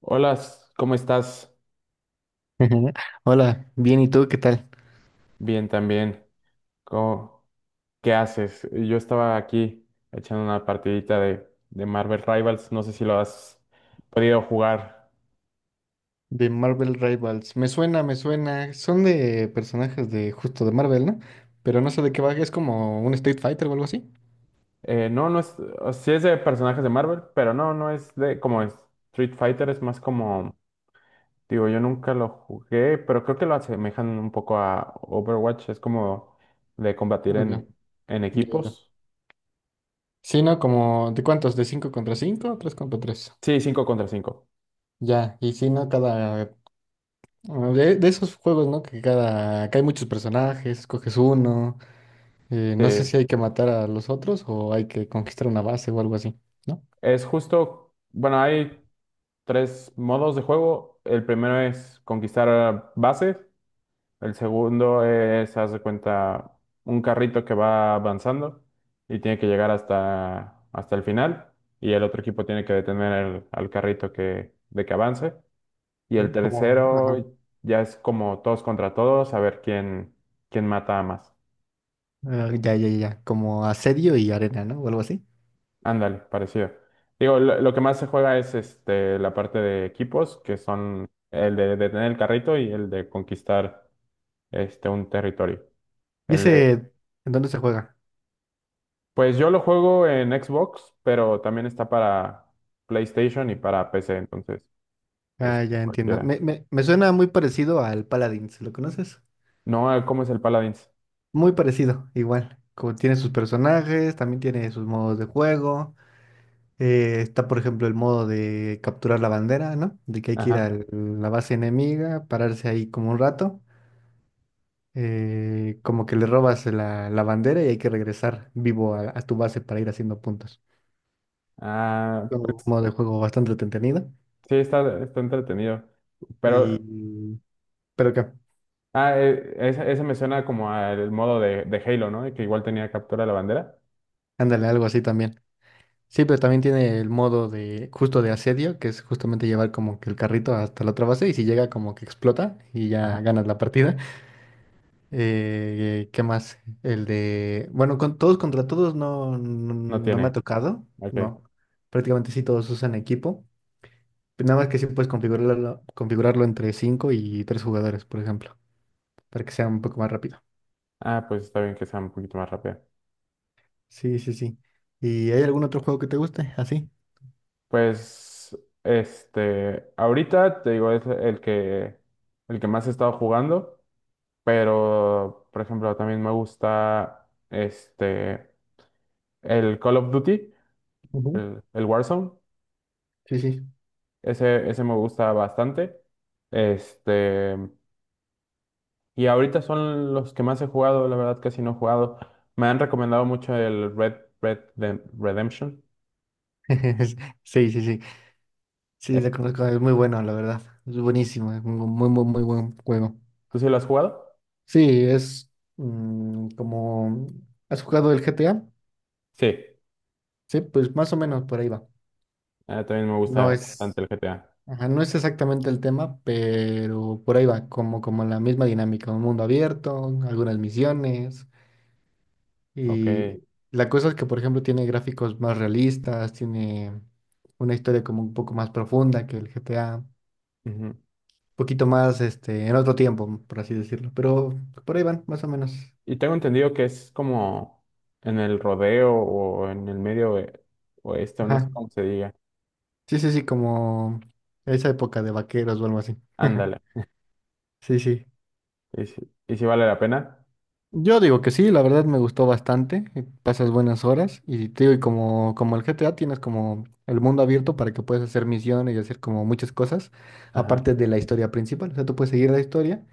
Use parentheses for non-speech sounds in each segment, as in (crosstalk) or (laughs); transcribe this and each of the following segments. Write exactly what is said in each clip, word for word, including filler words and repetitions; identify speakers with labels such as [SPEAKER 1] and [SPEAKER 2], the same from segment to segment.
[SPEAKER 1] Hola, s- ¿cómo estás?
[SPEAKER 2] (laughs) Hola, bien, ¿y tú qué tal?
[SPEAKER 1] Bien también. ¿Cómo- ¿Qué haces? Yo estaba aquí echando una partidita de, de Marvel Rivals. No sé si lo has podido jugar.
[SPEAKER 2] De Marvel Rivals. Me suena, me suena. Son de personajes de justo de Marvel, ¿no? Pero no sé de qué va, es como un Street Fighter o algo así.
[SPEAKER 1] Eh, no, no es. o- Sí es de personajes de Marvel, pero no, no es de como es Street Fighter. Es más como. Digo, yo nunca lo jugué, pero creo que lo asemejan un poco a Overwatch. Es como de combatir
[SPEAKER 2] Ah, ya,
[SPEAKER 1] en, en
[SPEAKER 2] ya, ya.
[SPEAKER 1] equipos.
[SPEAKER 2] Sí, ¿no? Como, ¿de cuántos? ¿De cinco contra cinco, tres contra tres.
[SPEAKER 1] Sí, cinco contra cinco.
[SPEAKER 2] Ya, y sí, ¿no? Cada... ah, De, de esos juegos, ¿no? Que cada... Que hay muchos personajes, coges uno. Eh,
[SPEAKER 1] Sí,
[SPEAKER 2] no sé si hay que matar a los otros o hay que conquistar una base o algo así, ¿no?
[SPEAKER 1] es justo, bueno, hay tres modos de juego. El primero es conquistar bases. El segundo es, haz de cuenta, un carrito que va avanzando y tiene que llegar hasta, hasta el final. Y el otro equipo tiene que detener el- al carrito que, de que avance. Y el
[SPEAKER 2] Como... ajá.
[SPEAKER 1] tercero ya es como todos contra todos, a ver quién, quién mata a más.
[SPEAKER 2] Ah, ya, ya, ya. Como asedio y arena, ¿no? O algo así.
[SPEAKER 1] Ándale, parecido. Digo, lo, lo que más se juega es este, la parte de equipos, que son el de detener el carrito y el de conquistar este, un territorio.
[SPEAKER 2] ¿Y
[SPEAKER 1] El de,
[SPEAKER 2] ese, en dónde se juega?
[SPEAKER 1] pues yo lo juego en Xbox, pero también está para PlayStation y para P C, entonces,
[SPEAKER 2] Ah,
[SPEAKER 1] este,
[SPEAKER 2] ya entiendo.
[SPEAKER 1] cualquiera.
[SPEAKER 2] Me, me, me suena muy parecido al Paladins, ¿lo conoces?
[SPEAKER 1] No, ah, ¿cómo es el Paladins?
[SPEAKER 2] Muy parecido, igual. Como tiene sus personajes, también tiene sus modos de juego. Eh, está, por ejemplo, el modo de capturar la bandera, ¿no? De que hay que ir
[SPEAKER 1] Ajá.
[SPEAKER 2] a la base enemiga, pararse ahí como un rato. Eh, como que le robas la, la bandera y hay que regresar vivo a, a tu base para ir haciendo puntos.
[SPEAKER 1] Ah,
[SPEAKER 2] Un
[SPEAKER 1] pues
[SPEAKER 2] modo de juego bastante entretenido.
[SPEAKER 1] sí, está, está entretenido. Pero,
[SPEAKER 2] Y, pero que,
[SPEAKER 1] ah, eh, ese, ese me suena como al modo de, de Halo, ¿no? Que igual tenía captura de la bandera.
[SPEAKER 2] ándale, algo así también. Sí, pero también tiene el modo de, justo de asedio, que es justamente llevar como que el carrito hasta la otra base y si llega como que explota y
[SPEAKER 1] Ajá.
[SPEAKER 2] ya ganas la partida. (laughs) Eh, ¿qué más? El de, bueno, con todos contra todos no, no,
[SPEAKER 1] No
[SPEAKER 2] no me ha
[SPEAKER 1] tiene.
[SPEAKER 2] tocado,
[SPEAKER 1] Ok.
[SPEAKER 2] no. Prácticamente sí todos usan equipo. Nada más que sí puedes configurarlo, configurarlo entre cinco y tres jugadores, por ejemplo, para que sea un poco más rápido.
[SPEAKER 1] Ah, pues está bien que sea un poquito más rápido.
[SPEAKER 2] Sí, sí, sí. ¿Y hay algún otro juego que te guste? Así.
[SPEAKER 1] Pues, este, ahorita te digo, es el que, el que más he estado jugando, pero, por ejemplo, también me gusta, este, el Call of Duty, el, el Warzone,
[SPEAKER 2] Sí, sí.
[SPEAKER 1] ese, ese me gusta bastante, este, y ahorita son los que más he jugado, la verdad casi no he jugado, me han recomendado mucho el Red, Red Dem- Redemption.
[SPEAKER 2] (laughs) Sí, sí, sí. Sí,
[SPEAKER 1] Eh,
[SPEAKER 2] lo conozco. Es muy bueno, la verdad. Es buenísimo. Es un muy, muy, muy buen juego.
[SPEAKER 1] ¿Tú sí lo has jugado?
[SPEAKER 2] Sí, es mm, como... ¿Has jugado el G T A?
[SPEAKER 1] Sí.
[SPEAKER 2] Sí, pues más o menos por ahí va.
[SPEAKER 1] Ah, también me
[SPEAKER 2] No
[SPEAKER 1] gusta
[SPEAKER 2] es...
[SPEAKER 1] bastante el G T A,
[SPEAKER 2] ajá, no es exactamente el tema, pero por ahí va. Como, como la misma dinámica. Un mundo abierto, algunas misiones.
[SPEAKER 1] ok.
[SPEAKER 2] Y la cosa es que, por ejemplo, tiene gráficos más realistas, tiene una historia como un poco más profunda que el G T A.
[SPEAKER 1] Ujú.
[SPEAKER 2] Poquito más, este, en otro tiempo, por así decirlo. Pero por ahí van, más o menos.
[SPEAKER 1] Y tengo entendido que es como en el rodeo o en el medio oe- oeste, o no sé
[SPEAKER 2] Ajá.
[SPEAKER 1] cómo se diga.
[SPEAKER 2] Sí, sí, sí, como esa época de vaqueros o algo así.
[SPEAKER 1] Ándale.
[SPEAKER 2] (laughs) Sí, sí.
[SPEAKER 1] ¿Y si, y si vale la pena?
[SPEAKER 2] Yo digo que sí, la verdad me gustó bastante, eh, pasas buenas horas y te digo, y como, como el G T A tienes como el mundo abierto para que puedas hacer misiones y hacer como muchas cosas,
[SPEAKER 1] Ajá.
[SPEAKER 2] aparte de la historia principal, o sea, tú puedes seguir la historia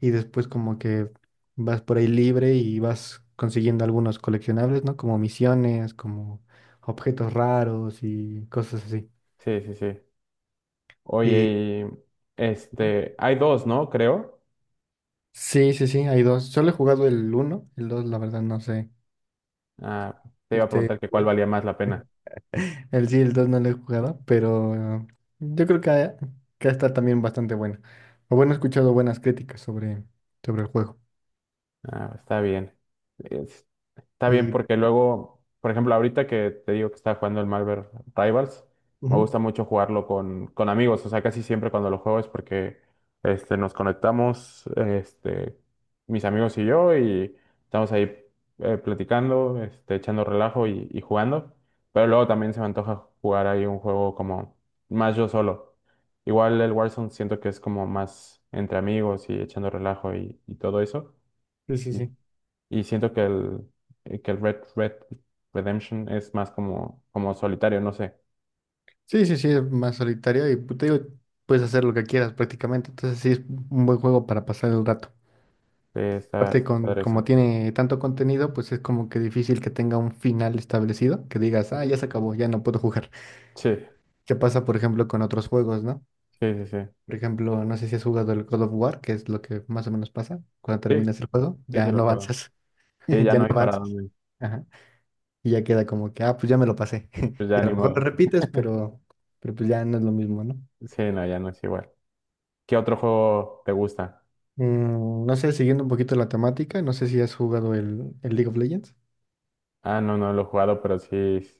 [SPEAKER 2] y después como que vas por ahí libre y vas consiguiendo algunos coleccionables, ¿no? Como misiones, como objetos raros y cosas así.
[SPEAKER 1] Sí, sí, sí.
[SPEAKER 2] Y
[SPEAKER 1] Oye, y
[SPEAKER 2] ujú.
[SPEAKER 1] este, hay dos, ¿no? Creo.
[SPEAKER 2] Sí, sí, sí, hay dos, solo he jugado el uno, el dos la verdad no sé,
[SPEAKER 1] Ah, te iba a
[SPEAKER 2] este...
[SPEAKER 1] preguntar que cuál valía más la pena.
[SPEAKER 2] El sí, el dos no lo he jugado, pero eh, yo creo que, que está también bastante bueno. O bueno, he escuchado buenas críticas sobre, sobre el juego.
[SPEAKER 1] Ah, está bien. Es- Está bien
[SPEAKER 2] Y,
[SPEAKER 1] porque luego, por ejemplo, ahorita que te digo que estaba jugando el Marvel Rivals, me
[SPEAKER 2] ujú,
[SPEAKER 1] gusta mucho jugarlo con, con amigos. O sea, casi siempre cuando lo juego es porque este, nos conectamos, este, mis amigos y yo, y estamos ahí eh, platicando, este, echando relajo y, y jugando. Pero luego también se me antoja jugar ahí un juego como más yo solo. Igual el Warzone siento que es como más entre amigos y echando relajo y, y todo eso.
[SPEAKER 2] sí, sí, sí.
[SPEAKER 1] Y siento que el, eh, que el Red, Red Redemption es más como, como solitario, no sé.
[SPEAKER 2] Sí, sí, sí, es más solitario y pues, te digo, puedes hacer lo que quieras prácticamente. Entonces sí, es un buen juego para pasar el rato.
[SPEAKER 1] Eh, Está,
[SPEAKER 2] Aparte,
[SPEAKER 1] está
[SPEAKER 2] con,
[SPEAKER 1] padre
[SPEAKER 2] como
[SPEAKER 1] eso.
[SPEAKER 2] tiene tanto contenido, pues es como que difícil que tenga un final establecido, que digas, ah, ya
[SPEAKER 1] Ujú.
[SPEAKER 2] se acabó, ya no puedo jugar.
[SPEAKER 1] Sí,
[SPEAKER 2] (laughs) ¿Qué pasa, por ejemplo, con otros juegos, ¿no?
[SPEAKER 1] sí, sí, sí.
[SPEAKER 2] Por ejemplo, no sé si has jugado el God of War, que es lo que más o menos pasa. Cuando
[SPEAKER 1] Sí,
[SPEAKER 2] terminas el juego,
[SPEAKER 1] sí, sí
[SPEAKER 2] ya
[SPEAKER 1] lo
[SPEAKER 2] no
[SPEAKER 1] juego.
[SPEAKER 2] avanzas.
[SPEAKER 1] Sí,
[SPEAKER 2] (laughs)
[SPEAKER 1] ya
[SPEAKER 2] Ya
[SPEAKER 1] no
[SPEAKER 2] no
[SPEAKER 1] hay para
[SPEAKER 2] avanzas.
[SPEAKER 1] dónde.
[SPEAKER 2] Ajá. Y ya queda como que, ah, pues ya me lo pasé.
[SPEAKER 1] Eh, Pues
[SPEAKER 2] (laughs) Y
[SPEAKER 1] ya
[SPEAKER 2] a
[SPEAKER 1] ni
[SPEAKER 2] lo mejor lo
[SPEAKER 1] modo.
[SPEAKER 2] repites, pero, pero pues ya no es lo mismo, ¿no?
[SPEAKER 1] Sí, no, ya no es igual. ¿Qué otro juego te gusta?
[SPEAKER 2] Mm, no sé, siguiendo un poquito la temática, no sé si has jugado el, el League of Legends.
[SPEAKER 1] Ah, no, no lo he jugado, pero sí, s-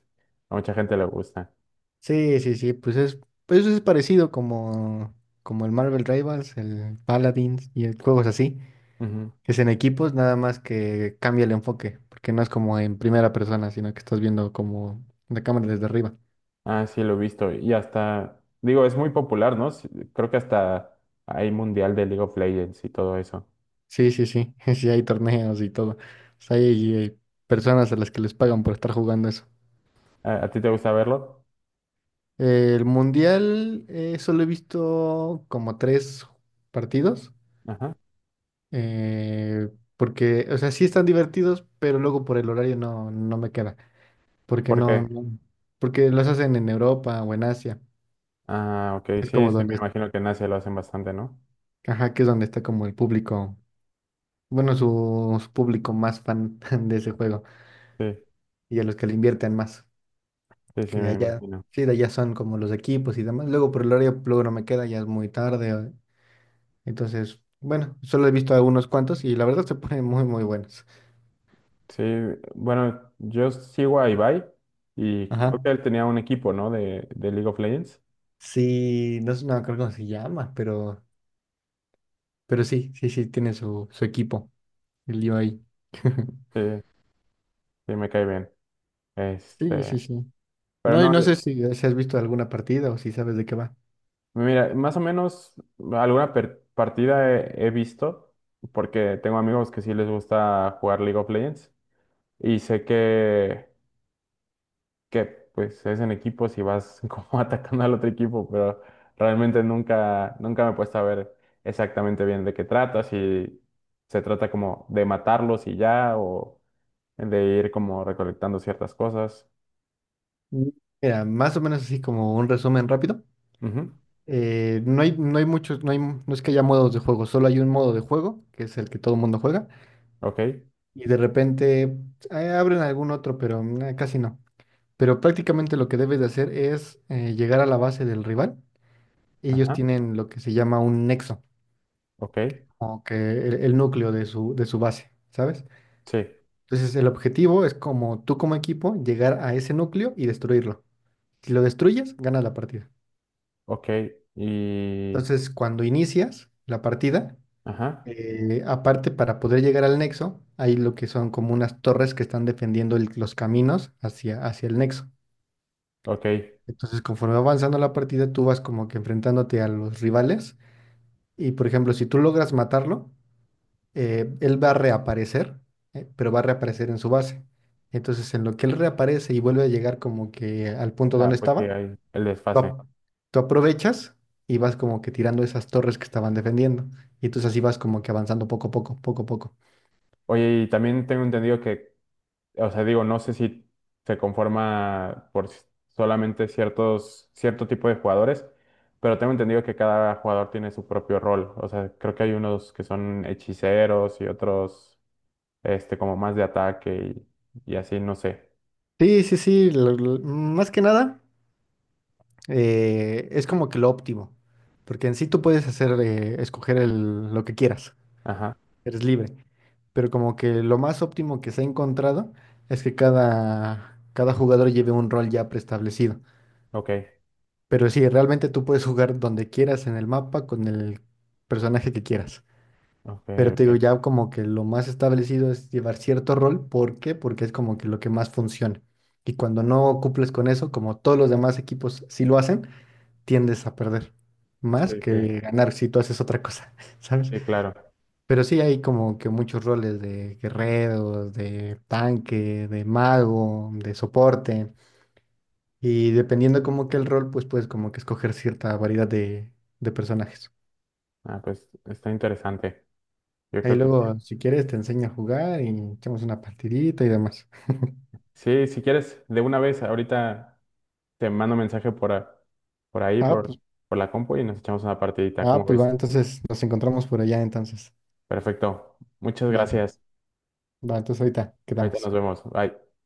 [SPEAKER 1] a mucha gente le gusta.
[SPEAKER 2] Sí, sí, sí, pues es, pues es parecido como, como el Marvel Rivals, el Paladins y el juegos así.
[SPEAKER 1] Ujú.
[SPEAKER 2] Es en equipos, nada más que cambia el enfoque, porque no es como en primera persona, sino que estás viendo como la cámara desde arriba.
[SPEAKER 1] Ah, sí, lo he visto. Y hasta, digo, es muy popular, ¿no? Sí. Creo que hasta hay mundial de League of Legends y todo eso.
[SPEAKER 2] Sí, sí, sí, (laughs) sí hay torneos y todo. O sea, hay, eh, personas a las que les pagan por estar jugando eso.
[SPEAKER 1] ¿A, a ti te gusta verlo?
[SPEAKER 2] El mundial eh, solo he visto como tres partidos,
[SPEAKER 1] Ajá.
[SPEAKER 2] eh, porque, o sea, sí están divertidos, pero luego por el horario no, no me queda, porque
[SPEAKER 1] ¿Por
[SPEAKER 2] no,
[SPEAKER 1] qué?
[SPEAKER 2] no- porque los hacen en Europa o en Asia.
[SPEAKER 1] Ah, ok,
[SPEAKER 2] Es
[SPEAKER 1] sí,
[SPEAKER 2] como
[SPEAKER 1] sí, me
[SPEAKER 2] donde,
[SPEAKER 1] imagino que en Asia lo hacen bastante, ¿no?
[SPEAKER 2] ajá, que es donde está como el público bueno, su, su público más fan (laughs) de ese juego
[SPEAKER 1] Sí,
[SPEAKER 2] y a los que le invierten más,
[SPEAKER 1] sí, sí,
[SPEAKER 2] que
[SPEAKER 1] me
[SPEAKER 2] allá,
[SPEAKER 1] imagino.
[SPEAKER 2] sí, de allá son como los equipos y demás. Luego por el horario, pues, luego no me queda, ya es muy tarde. Entonces, bueno, solo he visto a unos cuantos y la verdad se ponen muy, muy buenos.
[SPEAKER 1] Sí, bueno, yo sigo a Ibai y creo
[SPEAKER 2] Ajá.
[SPEAKER 1] que él tenía un equipo, ¿no? De, de League of Legends.
[SPEAKER 2] Sí, no, sé- no me acuerdo cómo se llama, pero, pero sí, sí, sí, tiene su, su equipo, el lío ahí. (laughs)
[SPEAKER 1] Sí, sí, me cae bien.
[SPEAKER 2] Sí, sí,
[SPEAKER 1] Este,
[SPEAKER 2] sí.
[SPEAKER 1] pero
[SPEAKER 2] No, y
[SPEAKER 1] no,
[SPEAKER 2] no
[SPEAKER 1] yo-
[SPEAKER 2] sé si, si has visto alguna partida o si sabes de qué va.
[SPEAKER 1] mira, más o menos alguna per- partida he, he visto, porque tengo amigos que sí les gusta jugar League of Legends y sé que que pues es en equipos y vas (laughs) como atacando al otro equipo, pero realmente nunca, nunca me he puesto a ver exactamente bien de qué trata, si se trata como de matarlos y ya, o de ir como recolectando ciertas cosas.
[SPEAKER 2] Mm. Mira, más o menos así como un resumen rápido.
[SPEAKER 1] Ujú,
[SPEAKER 2] Eh, no hay, no hay muchos, no hay, no es que haya modos de juego, solo hay un modo de juego, que es el que todo el mundo juega,
[SPEAKER 1] ok,
[SPEAKER 2] y de repente eh, abren algún otro, pero nah, casi no. Pero prácticamente lo que debes de hacer es eh, llegar a la base del rival. Ellos
[SPEAKER 1] ajá,
[SPEAKER 2] tienen lo que se llama un nexo,
[SPEAKER 1] ok,
[SPEAKER 2] o que el, el núcleo de su, de su base, ¿sabes?
[SPEAKER 1] sí,
[SPEAKER 2] Entonces el objetivo es como tú como equipo llegar a ese núcleo y destruirlo. Si lo destruyes, ganas la partida.
[SPEAKER 1] ok, y
[SPEAKER 2] Entonces cuando inicias la partida,
[SPEAKER 1] ajá,
[SPEAKER 2] Eh, aparte, para poder llegar al nexo, hay lo que son como unas torres que están defendiendo el- los caminos hacia, hacia el nexo.
[SPEAKER 1] ok.
[SPEAKER 2] Entonces, conforme va avanzando la partida, tú vas como que enfrentándote a los rivales. Y, por ejemplo, si tú logras matarlo, eh, él va a reaparecer, eh, pero va a reaparecer en su base. Entonces, en lo que él reaparece y vuelve a llegar como que al punto donde
[SPEAKER 1] Ah, pues sí,
[SPEAKER 2] estaba,
[SPEAKER 1] hay el
[SPEAKER 2] tú,
[SPEAKER 1] desfase.
[SPEAKER 2] ap- tú aprovechas y vas como que tirando esas torres que estaban defendiendo. Y entonces así vas como que avanzando poco a poco, poco a poco.
[SPEAKER 1] Oye, y también tengo entendido que. O sea, digo, no sé si se conforma por s- solamente ciertos, cierto tipo de jugadores, pero tengo entendido que cada jugador tiene su propio rol. O sea, creo que hay unos que son hechiceros y otros, este, como más de ataque y, y así, no sé.
[SPEAKER 2] Sí, sí, sí, lo- lo- más que nada eh, es como que lo óptimo, porque en sí tú puedes hacer, eh, escoger el- lo que quieras,
[SPEAKER 1] Ajá,
[SPEAKER 2] eres libre, pero como que lo más óptimo que se ha encontrado es que cada, cada jugador lleve un rol ya preestablecido,
[SPEAKER 1] ok,
[SPEAKER 2] pero sí, realmente tú puedes jugar donde quieras en el mapa con el personaje que quieras.
[SPEAKER 1] ok,
[SPEAKER 2] Pero te digo,
[SPEAKER 1] ok.
[SPEAKER 2] ya como que lo más establecido es llevar cierto rol. ¿Por qué? Porque es como que lo que más funciona. Y cuando no cumples con eso, como todos los demás equipos sí lo hacen, tiendes a perder más
[SPEAKER 1] Sí, sí,
[SPEAKER 2] que ganar si tú haces otra cosa, (laughs) ¿sabes?
[SPEAKER 1] sí, claro.
[SPEAKER 2] Pero sí hay como que muchos roles de guerreros, de tanque, de mago, de soporte. Y dependiendo como que el rol, pues puedes como que escoger cierta variedad de, de personajes.
[SPEAKER 1] Ah, pues está interesante. Yo
[SPEAKER 2] Ahí
[SPEAKER 1] creo que sí.
[SPEAKER 2] luego, si quieres, te enseño a jugar y echamos una partidita y demás. (laughs)
[SPEAKER 1] Sí, si quieres, de una vez, ahorita te mando mensaje por, a- por ahí,
[SPEAKER 2] Ah,
[SPEAKER 1] por,
[SPEAKER 2] pues,
[SPEAKER 1] por la compu y nos echamos una partidita, ¿cómo
[SPEAKER 2] ah, pues
[SPEAKER 1] ves?
[SPEAKER 2] va, entonces nos encontramos por allá entonces.
[SPEAKER 1] Perfecto. Muchas
[SPEAKER 2] Va,
[SPEAKER 1] gracias.
[SPEAKER 2] va, entonces ahorita
[SPEAKER 1] Ahorita nos
[SPEAKER 2] quedamos.
[SPEAKER 1] vemos. Bye.